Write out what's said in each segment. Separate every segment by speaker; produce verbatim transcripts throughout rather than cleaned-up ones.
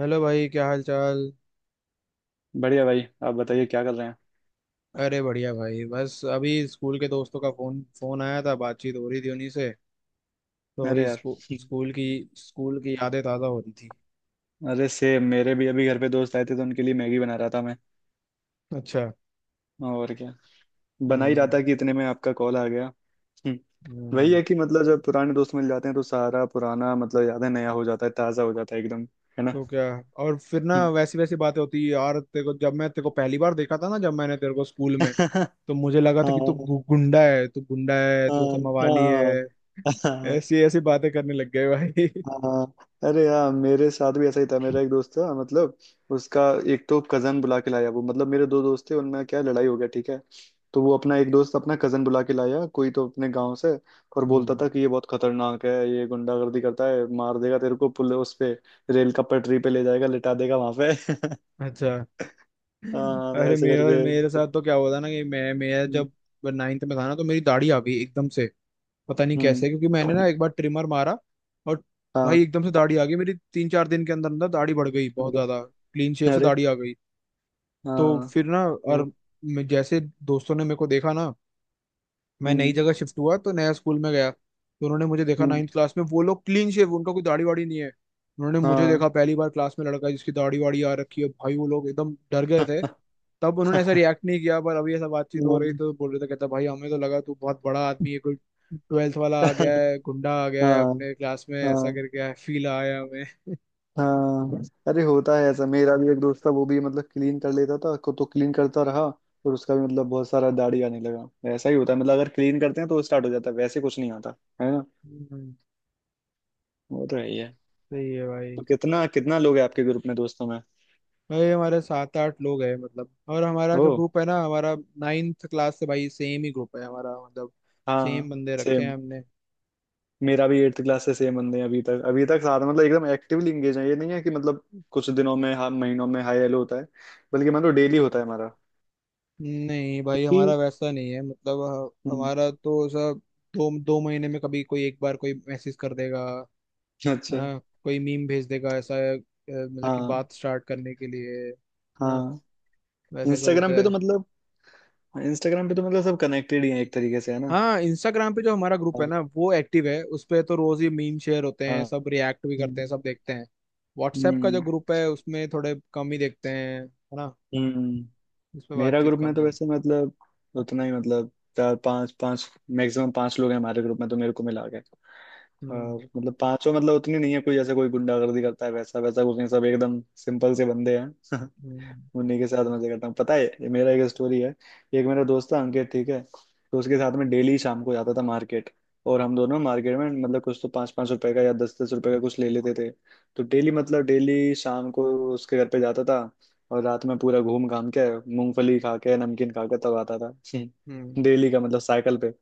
Speaker 1: Hello भाई क्या हाल चाल।
Speaker 2: बढ़िया भाई, आप बताइए क्या कर रहे हैं।
Speaker 1: अरे बढ़िया भाई बस अभी स्कूल के दोस्तों का फोन फोन आया था, बातचीत हो रही थी उन्हीं से। तो
Speaker 2: अरे
Speaker 1: वही
Speaker 2: यार।
Speaker 1: स्कू, स्कूल की स्कूल की यादें ताज़ा हो रही थी।
Speaker 2: अरे से, मेरे भी अभी घर पे दोस्त आए थे तो उनके लिए मैगी बना रहा था मैं।
Speaker 1: अच्छा।
Speaker 2: और क्या। बना ही रहा
Speaker 1: हम्म।
Speaker 2: था कि इतने में आपका कॉल आ गया। हम्म। वही
Speaker 1: हम्म।
Speaker 2: है कि मतलब जब पुराने दोस्त मिल जाते हैं तो सारा पुराना मतलब यादें नया हो जाता है, ताज़ा हो जाता है एकदम। है ना।
Speaker 1: तो क्या। और फिर ना
Speaker 2: हम्म।
Speaker 1: वैसी वैसी बातें होती है यार, तेरे को जब मैं तेरे को पहली बार देखा था ना, जब मैंने तेरे को स्कूल में,
Speaker 2: हाँ।
Speaker 1: तो मुझे लगा था कि तू गु- गुंडा है, तू गुंडा है, तू
Speaker 2: हाँ
Speaker 1: ऐसा मवाली है।
Speaker 2: हाँ। हाँ।
Speaker 1: ऐसी ऐसी बातें करने लग गए भाई
Speaker 2: हाँ। अरे यार, मेरे साथ भी ऐसा ही था। मेरा एक दोस्त था मतलब, उसका एक तो कजन बुला के लाया। वो मतलब मेरे दो दोस्त थे, उनमें क्या लड़ाई हो गया ठीक है। तो वो अपना एक दोस्त अपना कजन बुला के लाया कोई तो अपने गांव से। और बोलता
Speaker 1: हम्म।
Speaker 2: था कि ये बहुत खतरनाक है, ये गुंडागर्दी करता है, मार देगा तेरे को पुल उस पे, रेल का पटरी पे ले जाएगा, लिटा देगा वहां पे।
Speaker 1: अच्छा।
Speaker 2: हाँ, तो
Speaker 1: अरे
Speaker 2: ऐसे
Speaker 1: मेरा
Speaker 2: करके
Speaker 1: मेरे साथ
Speaker 2: मतलब।
Speaker 1: तो क्या हुआ था ना कि मैं मैं
Speaker 2: हम्म।
Speaker 1: जब नाइन्थ में था ना, तो मेरी दाढ़ी आ गई एकदम से। पता नहीं
Speaker 2: हम्म,
Speaker 1: कैसे, क्योंकि मैंने ना एक बार ट्रिमर मारा, और भाई
Speaker 2: हाँ।
Speaker 1: एकदम से दाढ़ी आ गई मेरी, तीन चार दिन के अंदर अंदर दाढ़ी बढ़ गई बहुत
Speaker 2: अरे
Speaker 1: ज्यादा, क्लीन शेव से
Speaker 2: अरे।
Speaker 1: दाढ़ी आ गई। तो
Speaker 2: हाँ।
Speaker 1: फिर ना
Speaker 2: वो,
Speaker 1: और मैं- जैसे दोस्तों ने मेरे को देखा ना, मैं नई
Speaker 2: हम्म।
Speaker 1: जगह शिफ्ट हुआ तो नया स्कूल में गया, तो उन्होंने मुझे देखा
Speaker 2: हम्म।
Speaker 1: नाइन्थ क्लास में, वो लोग क्लीन शेव, उनका कोई दाढ़ी वाड़ी नहीं है। उन्होंने मुझे
Speaker 2: हाँ।
Speaker 1: देखा पहली बार क्लास में लड़का जिसकी दाढ़ी वाड़ी आ रखी है, भाई वो लोग एकदम डर गए थे। तब उन्होंने ऐसा रिएक्ट नहीं किया, पर अभी ऐसा बातचीत हो रही
Speaker 2: हाँ।
Speaker 1: तो बोल रहे थे, कहता भाई हमें तो लगा तू बहुत बड़ा आदमी है, कोई ट्वेल्थ वाला आ गया है, गुंडा आ गया है
Speaker 2: हाँ
Speaker 1: अपने क्लास में, ऐसा
Speaker 2: हाँ
Speaker 1: करके फील आया हमें।
Speaker 2: हाँ। अरे होता है ऐसा। मेरा भी एक दोस्त था वो भी मतलब क्लीन कर लेता था को तो क्लीन करता रहा और उसका भी मतलब बहुत सारा दाढ़ी आने लगा। ऐसा ही होता है मतलब अगर क्लीन करते हैं तो स्टार्ट हो जाता है, वैसे कुछ नहीं आता। है ना।
Speaker 1: हम्म।
Speaker 2: वो तो है ही है।
Speaker 1: सही है भाई।
Speaker 2: तो कितना कितना लोग हैं आपके ग्रुप में दोस्तों में।
Speaker 1: भाई हमारे सात आठ लोग हैं मतलब, और हमारा
Speaker 2: ओ।
Speaker 1: जो ग्रुप है ना, हमारा नाइन्थ क्लास से भाई सेम ही ग्रुप है हमारा मतलब, सेम
Speaker 2: हाँ।
Speaker 1: बंदे रखे हैं
Speaker 2: सेम।
Speaker 1: हमने।
Speaker 2: मेरा भी एट्थ क्लास से सेम बंदे हैं अभी तक, अभी तक साथ मतलब एकदम एक्टिवली इंगेज है। ये नहीं है कि मतलब कुछ दिनों में, हाँ, महीनों में हाई हेलो होता है। बल्कि मतलब डेली होता है हमारा।
Speaker 1: नहीं भाई हमारा
Speaker 2: कि।
Speaker 1: वैसा नहीं है मतलब, ह-
Speaker 2: हम्म,
Speaker 1: हमारा तो सब दो दो महीने में कभी कोई एक बार कोई मैसेज कर देगा, है
Speaker 2: अच्छा।
Speaker 1: ना। कोई मीम भेज देगा, ऐसा अ, मतलब कि
Speaker 2: हाँ
Speaker 1: बात स्टार्ट करने के लिए है ना।
Speaker 2: हाँ।
Speaker 1: वैसा सब
Speaker 2: इंस्टाग्राम
Speaker 1: होता
Speaker 2: पे तो
Speaker 1: है।
Speaker 2: मतलब इंस्टाग्राम पे तो मतलब सब कनेक्टेड ही है एक तरीके से, है ना।
Speaker 1: हाँ, इंस्टाग्राम पे जो हमारा ग्रुप है ना वो एक्टिव है, उस पे तो रोज ही मीम शेयर होते
Speaker 2: हाँ।
Speaker 1: हैं, सब रिएक्ट भी करते हैं,
Speaker 2: हम्म
Speaker 1: सब देखते हैं। व्हाट्सएप का जो
Speaker 2: हम्म।
Speaker 1: ग्रुप है उसमें थोड़े कम ही देखते हैं, है ना।
Speaker 2: हम्म।
Speaker 1: उस पे
Speaker 2: मेरा
Speaker 1: बातचीत
Speaker 2: ग्रुप में तो
Speaker 1: कम है।
Speaker 2: वैसे मतलब उतना ही मतलब, चार पांच पांच, मैक्सिमम पांच लोग हैं हमारे ग्रुप में तो, मेरे को मिला के।
Speaker 1: हम्म।
Speaker 2: और मतलब पांचों मतलब उतनी नहीं है कोई, जैसे कोई गुंडागर्दी करता है वैसा वैसा कुछ नहीं, सब एकदम सिंपल से बंदे हैं।
Speaker 1: हम्म।
Speaker 2: उन्हीं के साथ मजे करता हूँ। पता है, ये मेरा एक स्टोरी है। एक मेरा दोस्त था अंकित ठीक है। तो उसके साथ में डेली शाम को जाता था मार्केट। और हम दोनों मार्केट में मतलब कुछ तो पाँच पाँच रुपए का या दस दस रुपए का कुछ ले लेते थे। तो डेली मतलब डेली शाम को उसके घर पे जाता था और रात में पूरा घूम घाम के मूंगफली खा के, नमकीन खा के तब आता था।
Speaker 1: हम्म।
Speaker 2: डेली का मतलब साइकिल पे,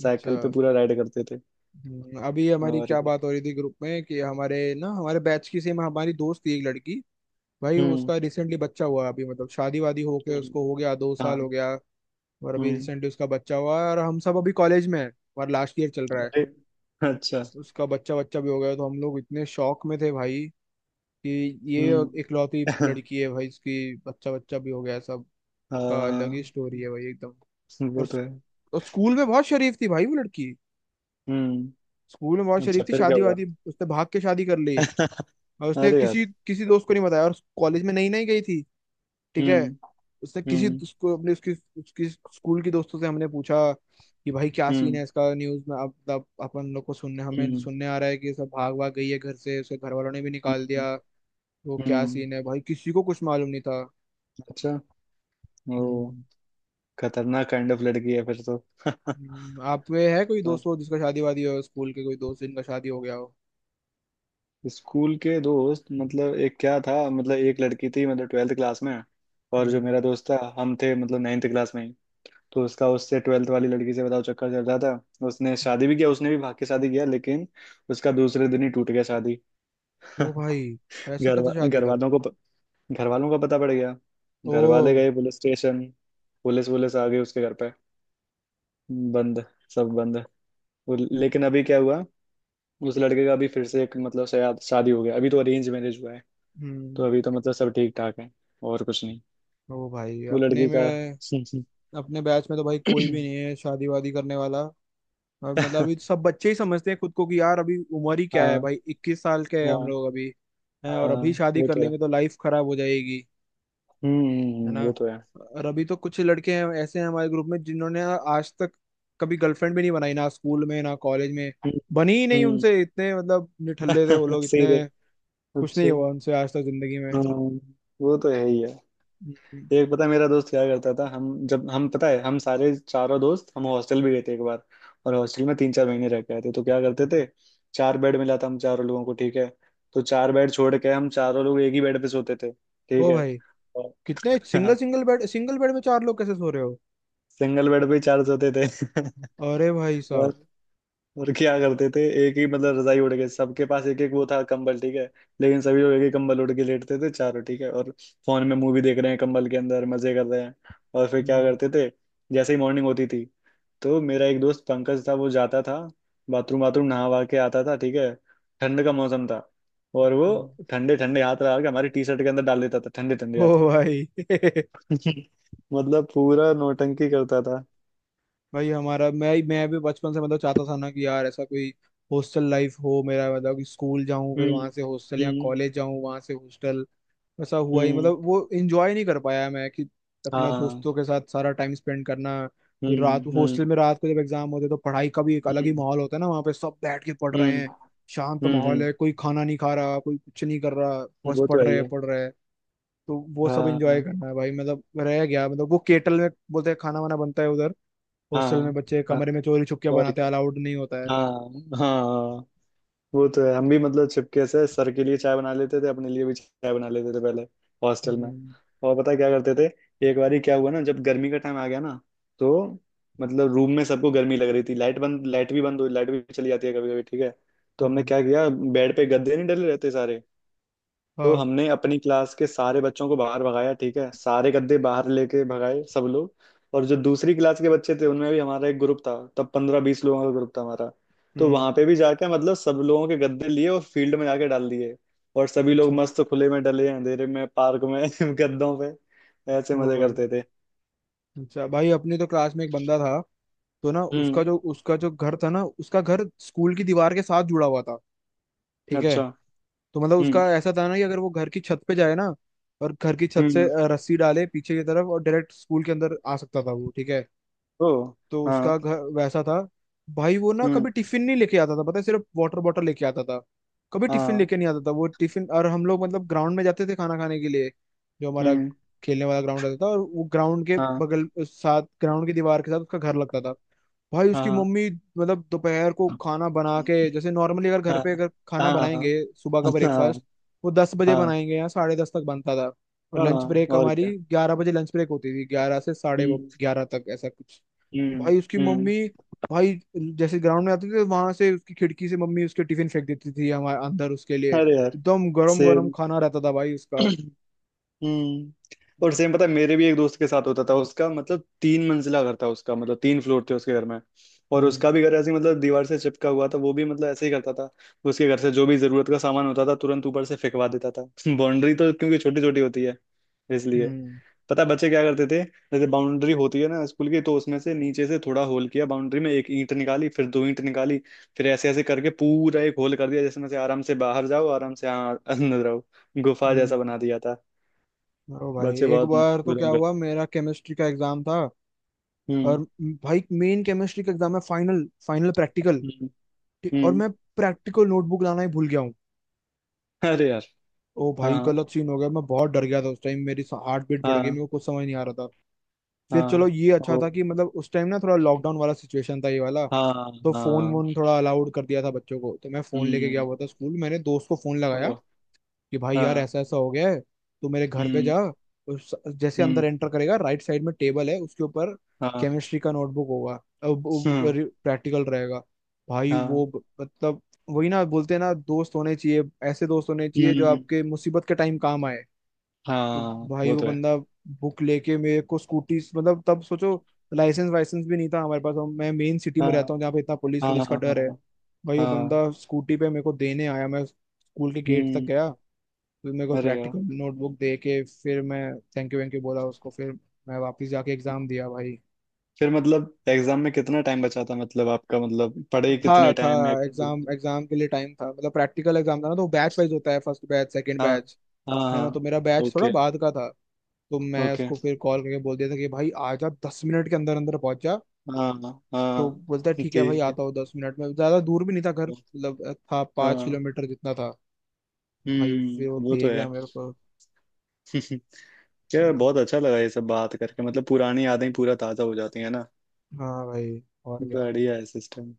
Speaker 1: अच्छा।
Speaker 2: साइकिल पे पूरा राइड करते थे।
Speaker 1: हम्म, अभी हमारी
Speaker 2: और
Speaker 1: क्या
Speaker 2: क्या।
Speaker 1: बात हो रही थी ग्रुप में, कि हमारे ना हमारे बैच की सेम हमारी दोस्त थी एक लड़की। भाई
Speaker 2: हम्म।
Speaker 1: उसका रिसेंटली बच्चा हुआ अभी, मतलब शादी वादी होके
Speaker 2: हम्म,
Speaker 1: उसको हो गया दो साल
Speaker 2: हाँ।
Speaker 1: हो गया। और अभी
Speaker 2: हम्म।
Speaker 1: रिसेंटली उसका बच्चा हुआ है, और हम सब अभी कॉलेज में है, और लास्ट ईयर चल रहा है।
Speaker 2: अरे, अच्छा।
Speaker 1: उसका बच्चा बच्चा भी हो गया तो हम लोग इतने शौक में थे भाई, कि ये
Speaker 2: हम्म।
Speaker 1: इकलौती लड़की है भाई, इसकी बच्चा बच्चा भी हो गया, सब का अलग ही
Speaker 2: हाँ।
Speaker 1: स्टोरी है भाई एकदम।
Speaker 2: वो
Speaker 1: और,
Speaker 2: तो
Speaker 1: स-
Speaker 2: है।
Speaker 1: और स्कूल में बहुत शरीफ थी भाई वो लड़की।
Speaker 2: हम्म।
Speaker 1: स्कूल में बहुत
Speaker 2: अच्छा
Speaker 1: शरीफ थी,
Speaker 2: फिर क्या
Speaker 1: शादी
Speaker 2: हुआ।
Speaker 1: वादी उसने भाग के शादी कर ली। और उसने
Speaker 2: अरे यार।
Speaker 1: किसी किसी दोस्त को नहीं बताया, और कॉलेज में नई नई गई थी, ठीक है।
Speaker 2: हम्म
Speaker 1: उसने किसी
Speaker 2: हम्म
Speaker 1: उसको अपने उसकी उसकी स्कूल के दोस्तों से हमने पूछा, कि भाई क्या सीन
Speaker 2: हम्म
Speaker 1: है इसका, न्यूज में अब तब अपन लोग को सुनने हमें
Speaker 2: हम्म
Speaker 1: सुनने आ रहा है कि ये सब भाग भाग गई है घर से, उसके घर वालों ने भी निकाल
Speaker 2: हम्म
Speaker 1: दिया। वो क्या
Speaker 2: हम्म,
Speaker 1: सीन है भाई, किसी को कुछ मालूम नहीं था।
Speaker 2: अच्छा। ओ।
Speaker 1: हम्म।
Speaker 2: खतरनाक काइंड ऑफ लड़की है फिर तो।
Speaker 1: हम्म। आप में है कोई
Speaker 2: पर
Speaker 1: दोस्त वो जिसका शादी वादी हो, स्कूल के कोई दोस्त जिनका शादी हो गया हो।
Speaker 2: स्कूल के दोस्त मतलब, एक क्या था मतलब, एक लड़की थी मतलब ट्वेल्थ क्लास में और जो
Speaker 1: हम्म।
Speaker 2: मेरा दोस्त था हम थे मतलब नाइन्थ क्लास में ही। तो उसका उससे ट्वेल्थ वाली लड़की से बताओ चक्कर चल रहा था। उसने शादी भी किया, उसने भी भाग के शादी किया, लेकिन उसका दूसरे दिन ही टूट गया शादी।
Speaker 1: वो भाई, ऐसा
Speaker 2: घर
Speaker 1: कैसा
Speaker 2: वा-
Speaker 1: शादी
Speaker 2: घर
Speaker 1: था?
Speaker 2: वालों को, घर वालों का पता पड़ गया, घर वाले
Speaker 1: ओ।
Speaker 2: गए पुलिस स्टेशन, पुलिस पुलिस आ गई उसके घर पे। बंद, सब बंद। वो- लेकिन अभी क्या हुआ, उस लड़के का अभी फिर से एक मतलब शायद शादी हो गया, अभी तो अरेंज मैरिज हुआ है। तो
Speaker 1: हम्म।
Speaker 2: अभी तो मतलब सब ठीक ठाक है, और कुछ नहीं।
Speaker 1: ओ भाई।
Speaker 2: वो
Speaker 1: अपने
Speaker 2: लड़की का।
Speaker 1: में अपने बैच में तो भाई कोई भी नहीं है शादी वादी करने वाला। और मतलब अभी तो सब बच्चे ही समझते हैं खुद को, कि यार अभी उम्र ही क्या है
Speaker 2: हाँ।
Speaker 1: भाई, इक्कीस साल के हैं
Speaker 2: हाँ
Speaker 1: हम लोग अभी। हैं,
Speaker 2: हाँ।
Speaker 1: और अभी शादी
Speaker 2: वो
Speaker 1: कर
Speaker 2: तो है।
Speaker 1: लेंगे तो लाइफ खराब हो जाएगी,
Speaker 2: हम्म
Speaker 1: है
Speaker 2: हम्म, वो
Speaker 1: ना।
Speaker 2: तो है।
Speaker 1: और अभी तो कुछ लड़के हैं ऐसे हैं हमारे ग्रुप में, जिन्होंने आज तक कभी गर्लफ्रेंड भी नहीं बनाई, ना स्कूल में ना कॉलेज में।
Speaker 2: हम्म
Speaker 1: बनी ही नहीं
Speaker 2: हम्म।
Speaker 1: उनसे, इतने मतलब निठल्ले थे वो लोग
Speaker 2: सीधे।
Speaker 1: इतने, कुछ
Speaker 2: अच्छा।
Speaker 1: नहीं हुआ उनसे आज तक जिंदगी में।
Speaker 2: हाँ। वो तो है ही है।
Speaker 1: हम्म।
Speaker 2: एक पता है मेरा दोस्त क्या करता था, हम जब हम पता है हम सारे चारों दोस्त हम हॉस्टल भी गए थे एक बार और हॉस्टल में तीन चार महीने रह के आए थे, तो क्या करते थे, चार बेड मिला था हम चारों लोगों को ठीक है, तो चार बेड छोड़ के हम चारों लोग एक ही बेड पे सोते थे ठीक
Speaker 1: ओ
Speaker 2: है।
Speaker 1: भाई,
Speaker 2: और
Speaker 1: कितने सिंगल
Speaker 2: हाँ,
Speaker 1: सिंगल बेड सिंगल बेड में चार लोग कैसे सो रहे हो?
Speaker 2: सिंगल बेड पे ही चार सोते थे।
Speaker 1: अरे भाई
Speaker 2: और
Speaker 1: साहब।
Speaker 2: और क्या करते थे, एक ही मतलब रजाई उड़ के सबके पास एक एक वो था कंबल ठीक है, लेकिन सभी लोग एक ही कंबल उड़ के लेटते थे चारों ठीक है। और फोन में मूवी देख रहे हैं कंबल के अंदर, मजे कर रहे हैं। और फिर क्या
Speaker 1: हम्म।
Speaker 2: करते थे, जैसे ही मॉर्निंग होती थी तो मेरा एक दोस्त पंकज था वो जाता था बाथरूम, बाथरूम नहा वहा के आता था ठीक है, ठंड का मौसम था। और वो
Speaker 1: हम्म।
Speaker 2: ठंडे ठंडे हाथ लगा के हमारी टी शर्ट के अंदर डाल देता था, ठंडे ठंडे
Speaker 1: ओ
Speaker 2: हाथ।
Speaker 1: भाई
Speaker 2: मतलब पूरा नौटंकी करता था।
Speaker 1: भाई हमारा मैं मैं भी बचपन से मतलब चाहता था ना, कि यार ऐसा कोई हॉस्टल लाइफ हो मेरा, मतलब कि स्कूल जाऊं फिर वहां
Speaker 2: हम्म
Speaker 1: से हॉस्टल, या
Speaker 2: हम्म
Speaker 1: कॉलेज जाऊं वहां से हॉस्टल। वैसा हुआ ही
Speaker 2: हम्म।
Speaker 1: मतलब, वो एंजॉय नहीं कर पाया मैं, कि अपना
Speaker 2: हाँ।
Speaker 1: दोस्तों के साथ सारा टाइम स्पेंड करना। फिर रात
Speaker 2: हम्म
Speaker 1: हॉस्टल
Speaker 2: हम्म
Speaker 1: में, रात को जब एग्जाम होते हैं तो पढ़ाई का भी एक अलग ही
Speaker 2: हम्म
Speaker 1: माहौल होता है ना, वहाँ पे सब बैठ के पढ़ रहे
Speaker 2: हम्म
Speaker 1: हैं। शांत
Speaker 2: हम्म
Speaker 1: माहौल
Speaker 2: हम्म,
Speaker 1: है, कोई खाना नहीं खा रहा, कोई कुछ नहीं कर रहा, बस
Speaker 2: वो तो
Speaker 1: पढ़
Speaker 2: है ही
Speaker 1: रहे हैं
Speaker 2: है।
Speaker 1: पढ़ रहे हैं। तो वो
Speaker 2: हाँ
Speaker 1: सब एंजॉय
Speaker 2: हाँ
Speaker 1: करना है भाई, मतलब रह गया, मतलब वो केटल में बोलते हैं खाना वाना बनता है उधर, हॉस्टल में
Speaker 2: हाँ
Speaker 1: बच्चे
Speaker 2: हाँ,
Speaker 1: कमरे में चोरी छुपके
Speaker 2: और
Speaker 1: बनाते
Speaker 2: क्या।
Speaker 1: हैं, अलाउड नहीं होता है।
Speaker 2: हाँ हाँ। वो तो है। हम भी मतलब छिपके से सर के लिए चाय बना लेते थे, अपने लिए भी चाय बना लेते थे पहले हॉस्टल में।
Speaker 1: हम्म।
Speaker 2: और पता है क्या करते थे, एक बार क्या हुआ ना जब गर्मी का टाइम आ गया ना, तो मतलब रूम में सबको गर्मी लग रही थी, लाइट बंद, लाइट भी बंद हुई, लाइट भी चली जाती है कभी कभी ठीक है, तो हमने
Speaker 1: हम्म।
Speaker 2: क्या किया, बेड पे गद्दे नहीं डले रहते सारे, तो
Speaker 1: हाँ।
Speaker 2: हमने अपनी क्लास के सारे बच्चों को बाहर भगाया ठीक है, सारे गद्दे बाहर लेके भगाए सब लोग। और जो दूसरी क्लास के बच्चे थे उनमें भी हमारा एक ग्रुप था तब, पंद्रह बीस लोगों का ग्रुप था हमारा, तो
Speaker 1: हम्म।
Speaker 2: वहां पे भी जाके मतलब सब लोगों के गद्दे लिए और फील्ड में जाके डाल दिए। और सभी लोग
Speaker 1: अच्छा।
Speaker 2: मस्त खुले में डले अंधेरे में पार्क में गद्दों पे ऐसे
Speaker 1: ओ
Speaker 2: मजे
Speaker 1: भाई।
Speaker 2: करते थे।
Speaker 1: अच्छा भाई अपने तो क्लास में एक बंदा था, तो ना उसका
Speaker 2: हम्म।
Speaker 1: जो उसका जो घर था ना, उसका घर स्कूल की दीवार के साथ जुड़ा हुआ था, ठीक है।
Speaker 2: अच्छा।
Speaker 1: तो मतलब
Speaker 2: हम्म
Speaker 1: उसका ऐसा था ना कि अगर वो घर की छत पे जाए ना, और घर की छत से
Speaker 2: हम्म।
Speaker 1: अ, रस्सी डाले पीछे की तरफ, और डायरेक्ट स्कूल के अंदर आ सकता था वो, ठीक है।
Speaker 2: ओ।
Speaker 1: तो
Speaker 2: हाँ।
Speaker 1: उसका घर वैसा था। भाई वो ना
Speaker 2: हम्म।
Speaker 1: कभी टिफिन नहीं लेके आता था, पता है, सिर्फ वाटर बॉटल लेके आता था। कभी टिफिन
Speaker 2: हाँ।
Speaker 1: लेके नहीं आता था वो टिफिन, और हम लोग मतलब ग्राउंड में जाते थे खाना खाने के लिए, जो हमारा
Speaker 2: हम्म।
Speaker 1: खेलने वाला ग्राउंड रहता था। और वो ग्राउंड के
Speaker 2: हाँ
Speaker 1: बगल साथ, ग्राउंड की दीवार के साथ उसका घर लगता था। भाई उसकी
Speaker 2: हाँ
Speaker 1: मम्मी मतलब दोपहर को
Speaker 2: हाँ
Speaker 1: खाना बना के, जैसे नॉर्मली अगर घर
Speaker 2: हाँ
Speaker 1: पे अगर खाना
Speaker 2: हाँ
Speaker 1: बनाएंगे, सुबह का
Speaker 2: हाँ
Speaker 1: ब्रेकफास्ट वो दस बजे
Speaker 2: हाँ
Speaker 1: बनाएंगे या साढ़े दस तक बनता था। और लंच
Speaker 2: हाँ,
Speaker 1: ब्रेक
Speaker 2: और
Speaker 1: हमारी
Speaker 2: क्या।
Speaker 1: ग्यारह बजे लंच ब्रेक होती थी, ग्यारह से साढ़े
Speaker 2: हम्म
Speaker 1: ग्यारह तक ऐसा कुछ।
Speaker 2: हम्म
Speaker 1: भाई उसकी
Speaker 2: हम्म।
Speaker 1: मम्मी, भाई जैसे ग्राउंड में आती थी, वहां से उसकी खिड़की से मम्मी उसके टिफिन फेंक देती थी हमारे अंदर, उसके लिए
Speaker 2: अरे यार।
Speaker 1: एकदम गरम गरम
Speaker 2: सेम।
Speaker 1: खाना रहता था भाई उसका।
Speaker 2: हम्म। और सेम पता है, मेरे भी एक दोस्त के साथ होता था, उसका मतलब तीन मंजिला घर था, उसका मतलब तीन फ्लोर थे उसके घर में। और
Speaker 1: हम्म।
Speaker 2: उसका भी घर ऐसे ही मतलब दीवार से चिपका हुआ था, वो भी मतलब ऐसे ही करता था। उसके घर से जो भी जरूरत का सामान होता था तुरंत ऊपर से फेंकवा देता था। बाउंड्री तो क्योंकि छोटी छोटी होती है, इसलिए
Speaker 1: हम्म।
Speaker 2: पता है बच्चे क्या करते थे, जैसे बाउंड्री होती है ना स्कूल की तो उसमें से नीचे से थोड़ा होल किया, बाउंड्री में एक ईंट निकाली फिर दो ईंट निकाली, फिर ऐसे ऐसे करके पूरा एक होल कर दिया, जिसमें से आराम से बाहर जाओ, आराम से, हाँ, अंदर आओ, गुफा जैसा
Speaker 1: हम्म।
Speaker 2: बना दिया था।
Speaker 1: ओ भाई
Speaker 2: बाचे
Speaker 1: एक
Speaker 2: बाद
Speaker 1: बार तो क्या
Speaker 2: गुदम कर।
Speaker 1: हुआ, मेरा केमिस्ट्री का एग्जाम था,
Speaker 2: हम्म
Speaker 1: और भाई मेन केमिस्ट्री का एग्जाम है, फाइनल फाइनल प्रैक्टिकल,
Speaker 2: हम्म
Speaker 1: और
Speaker 2: हम्म।
Speaker 1: मैं प्रैक्टिकल नोटबुक लाना ही भूल गया हूँ।
Speaker 2: अरे यार।
Speaker 1: ओ
Speaker 2: हाँ
Speaker 1: भाई
Speaker 2: हाँ
Speaker 1: गलत सीन हो गया, मैं बहुत डर गया था उस टाइम, मेरी हार्ट बीट बढ़ गई,
Speaker 2: हाँ
Speaker 1: मेरे को कुछ समझ नहीं आ रहा था। फिर चलो
Speaker 2: हाँ।
Speaker 1: ये अच्छा
Speaker 2: ओ।
Speaker 1: था कि मतलब उस टाइम ना थोड़ा लॉकडाउन वाला सिचुएशन था ये वाला,
Speaker 2: हाँ
Speaker 1: तो फोन
Speaker 2: हाँ।
Speaker 1: वोन थोड़ा अलाउड कर दिया था बच्चों को, तो मैं फोन लेके गया
Speaker 2: हम्म।
Speaker 1: हुआ था स्कूल। मैंने दोस्त को फोन लगाया,
Speaker 2: ओ।
Speaker 1: कि भाई यार
Speaker 2: हाँ।
Speaker 1: ऐसा ऐसा हो गया है, तू मेरे घर पे
Speaker 2: हम्म
Speaker 1: जा, उस जैसे अंदर
Speaker 2: हम्म।
Speaker 1: एंटर करेगा राइट साइड में टेबल है, उसके ऊपर
Speaker 2: हाँ।
Speaker 1: केमिस्ट्री का नोटबुक होगा,
Speaker 2: हम्म।
Speaker 1: प्रैक्टिकल रहेगा। भाई वो
Speaker 2: हाँ।
Speaker 1: ब- मतलब वही ना बोलते हैं ना दोस्त होने चाहिए, ऐसे दोस्त होने चाहिए जो
Speaker 2: हम्म।
Speaker 1: आपके मुसीबत के टाइम काम आए। तो
Speaker 2: हाँ।
Speaker 1: भाई
Speaker 2: वो
Speaker 1: वो
Speaker 2: तो है।
Speaker 1: बंदा बुक लेके मेरे को स्कूटी, मतलब तब सोचो, लाइसेंस वाइसेंस भी नहीं था हमारे पास, हम- मैं मेन सिटी
Speaker 2: हाँ
Speaker 1: में रहता हूँ जहाँ पे इतना पुलिस
Speaker 2: हाँ
Speaker 1: पुलिस का
Speaker 2: हाँ हाँ।
Speaker 1: डर है। भाई वो
Speaker 2: हाँ,
Speaker 1: बंदा स्कूटी पे मेरे को देने आया, मैं स्कूल के गेट तक
Speaker 2: हम्म।
Speaker 1: गया, फिर मेरे को
Speaker 2: अरे यार,
Speaker 1: प्रैक्टिकल नोटबुक दे के फिर मैं थैंक यू वैंक यू बोला उसको, फिर मैं वापस जाके एग्जाम दिया भाई।
Speaker 2: फिर मतलब एग्जाम में कितना टाइम बचा था, मतलब आपका मतलब पढ़े
Speaker 1: था
Speaker 2: कितने
Speaker 1: था
Speaker 2: टाइम में एग्जाम देने
Speaker 1: एग्जाम
Speaker 2: के लिए?
Speaker 1: एग्जाम के लिए टाइम था मतलब, प्रैक्टिकल एग्जाम था ना तो बैच वाइज होता है, फर्स्ट बैच सेकंड
Speaker 2: हाँ
Speaker 1: बैच,
Speaker 2: हाँ
Speaker 1: है ना। तो
Speaker 2: हाँ।
Speaker 1: मेरा बैच थोड़ा
Speaker 2: ओके।
Speaker 1: बाद का था। तो मैं
Speaker 2: ओके।
Speaker 1: उसको फिर कॉल करके बोल दिया था कि भाई आ जा, दस मिनट के अंदर अंदर पहुंच जा।
Speaker 2: हाँ
Speaker 1: तो
Speaker 2: हाँ।
Speaker 1: बोलता है ठीक है भाई
Speaker 2: ठीक है।
Speaker 1: आता हूँ दस मिनट में, ज्यादा दूर भी नहीं था घर, मतलब था पाँच
Speaker 2: हाँ
Speaker 1: किलोमीटर जितना था। भाई फिर वो
Speaker 2: हम्म, वो तो
Speaker 1: दे गया
Speaker 2: है।
Speaker 1: मेरे को।
Speaker 2: यार बहुत अच्छा लगा ये सब बात करके, मतलब पुरानी यादें पूरा ताजा हो जाती है ना।
Speaker 1: हाँ भाई, और
Speaker 2: तो
Speaker 1: क्या।
Speaker 2: बढ़िया है सिस्टम।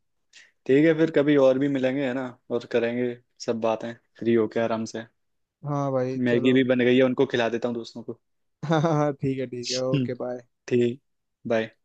Speaker 2: ठीक है, फिर कभी और भी मिलेंगे, है ना, और करेंगे सब बातें, फ्री होके आराम से।
Speaker 1: हाँ भाई चलो
Speaker 2: मैगी भी बन गई है, उनको खिला देता हूँ दोस्तों को।
Speaker 1: हाँ हाँ हाँ, ठीक है ठीक है,
Speaker 2: हम्म,
Speaker 1: ओके बाय।
Speaker 2: ठीक। बाय।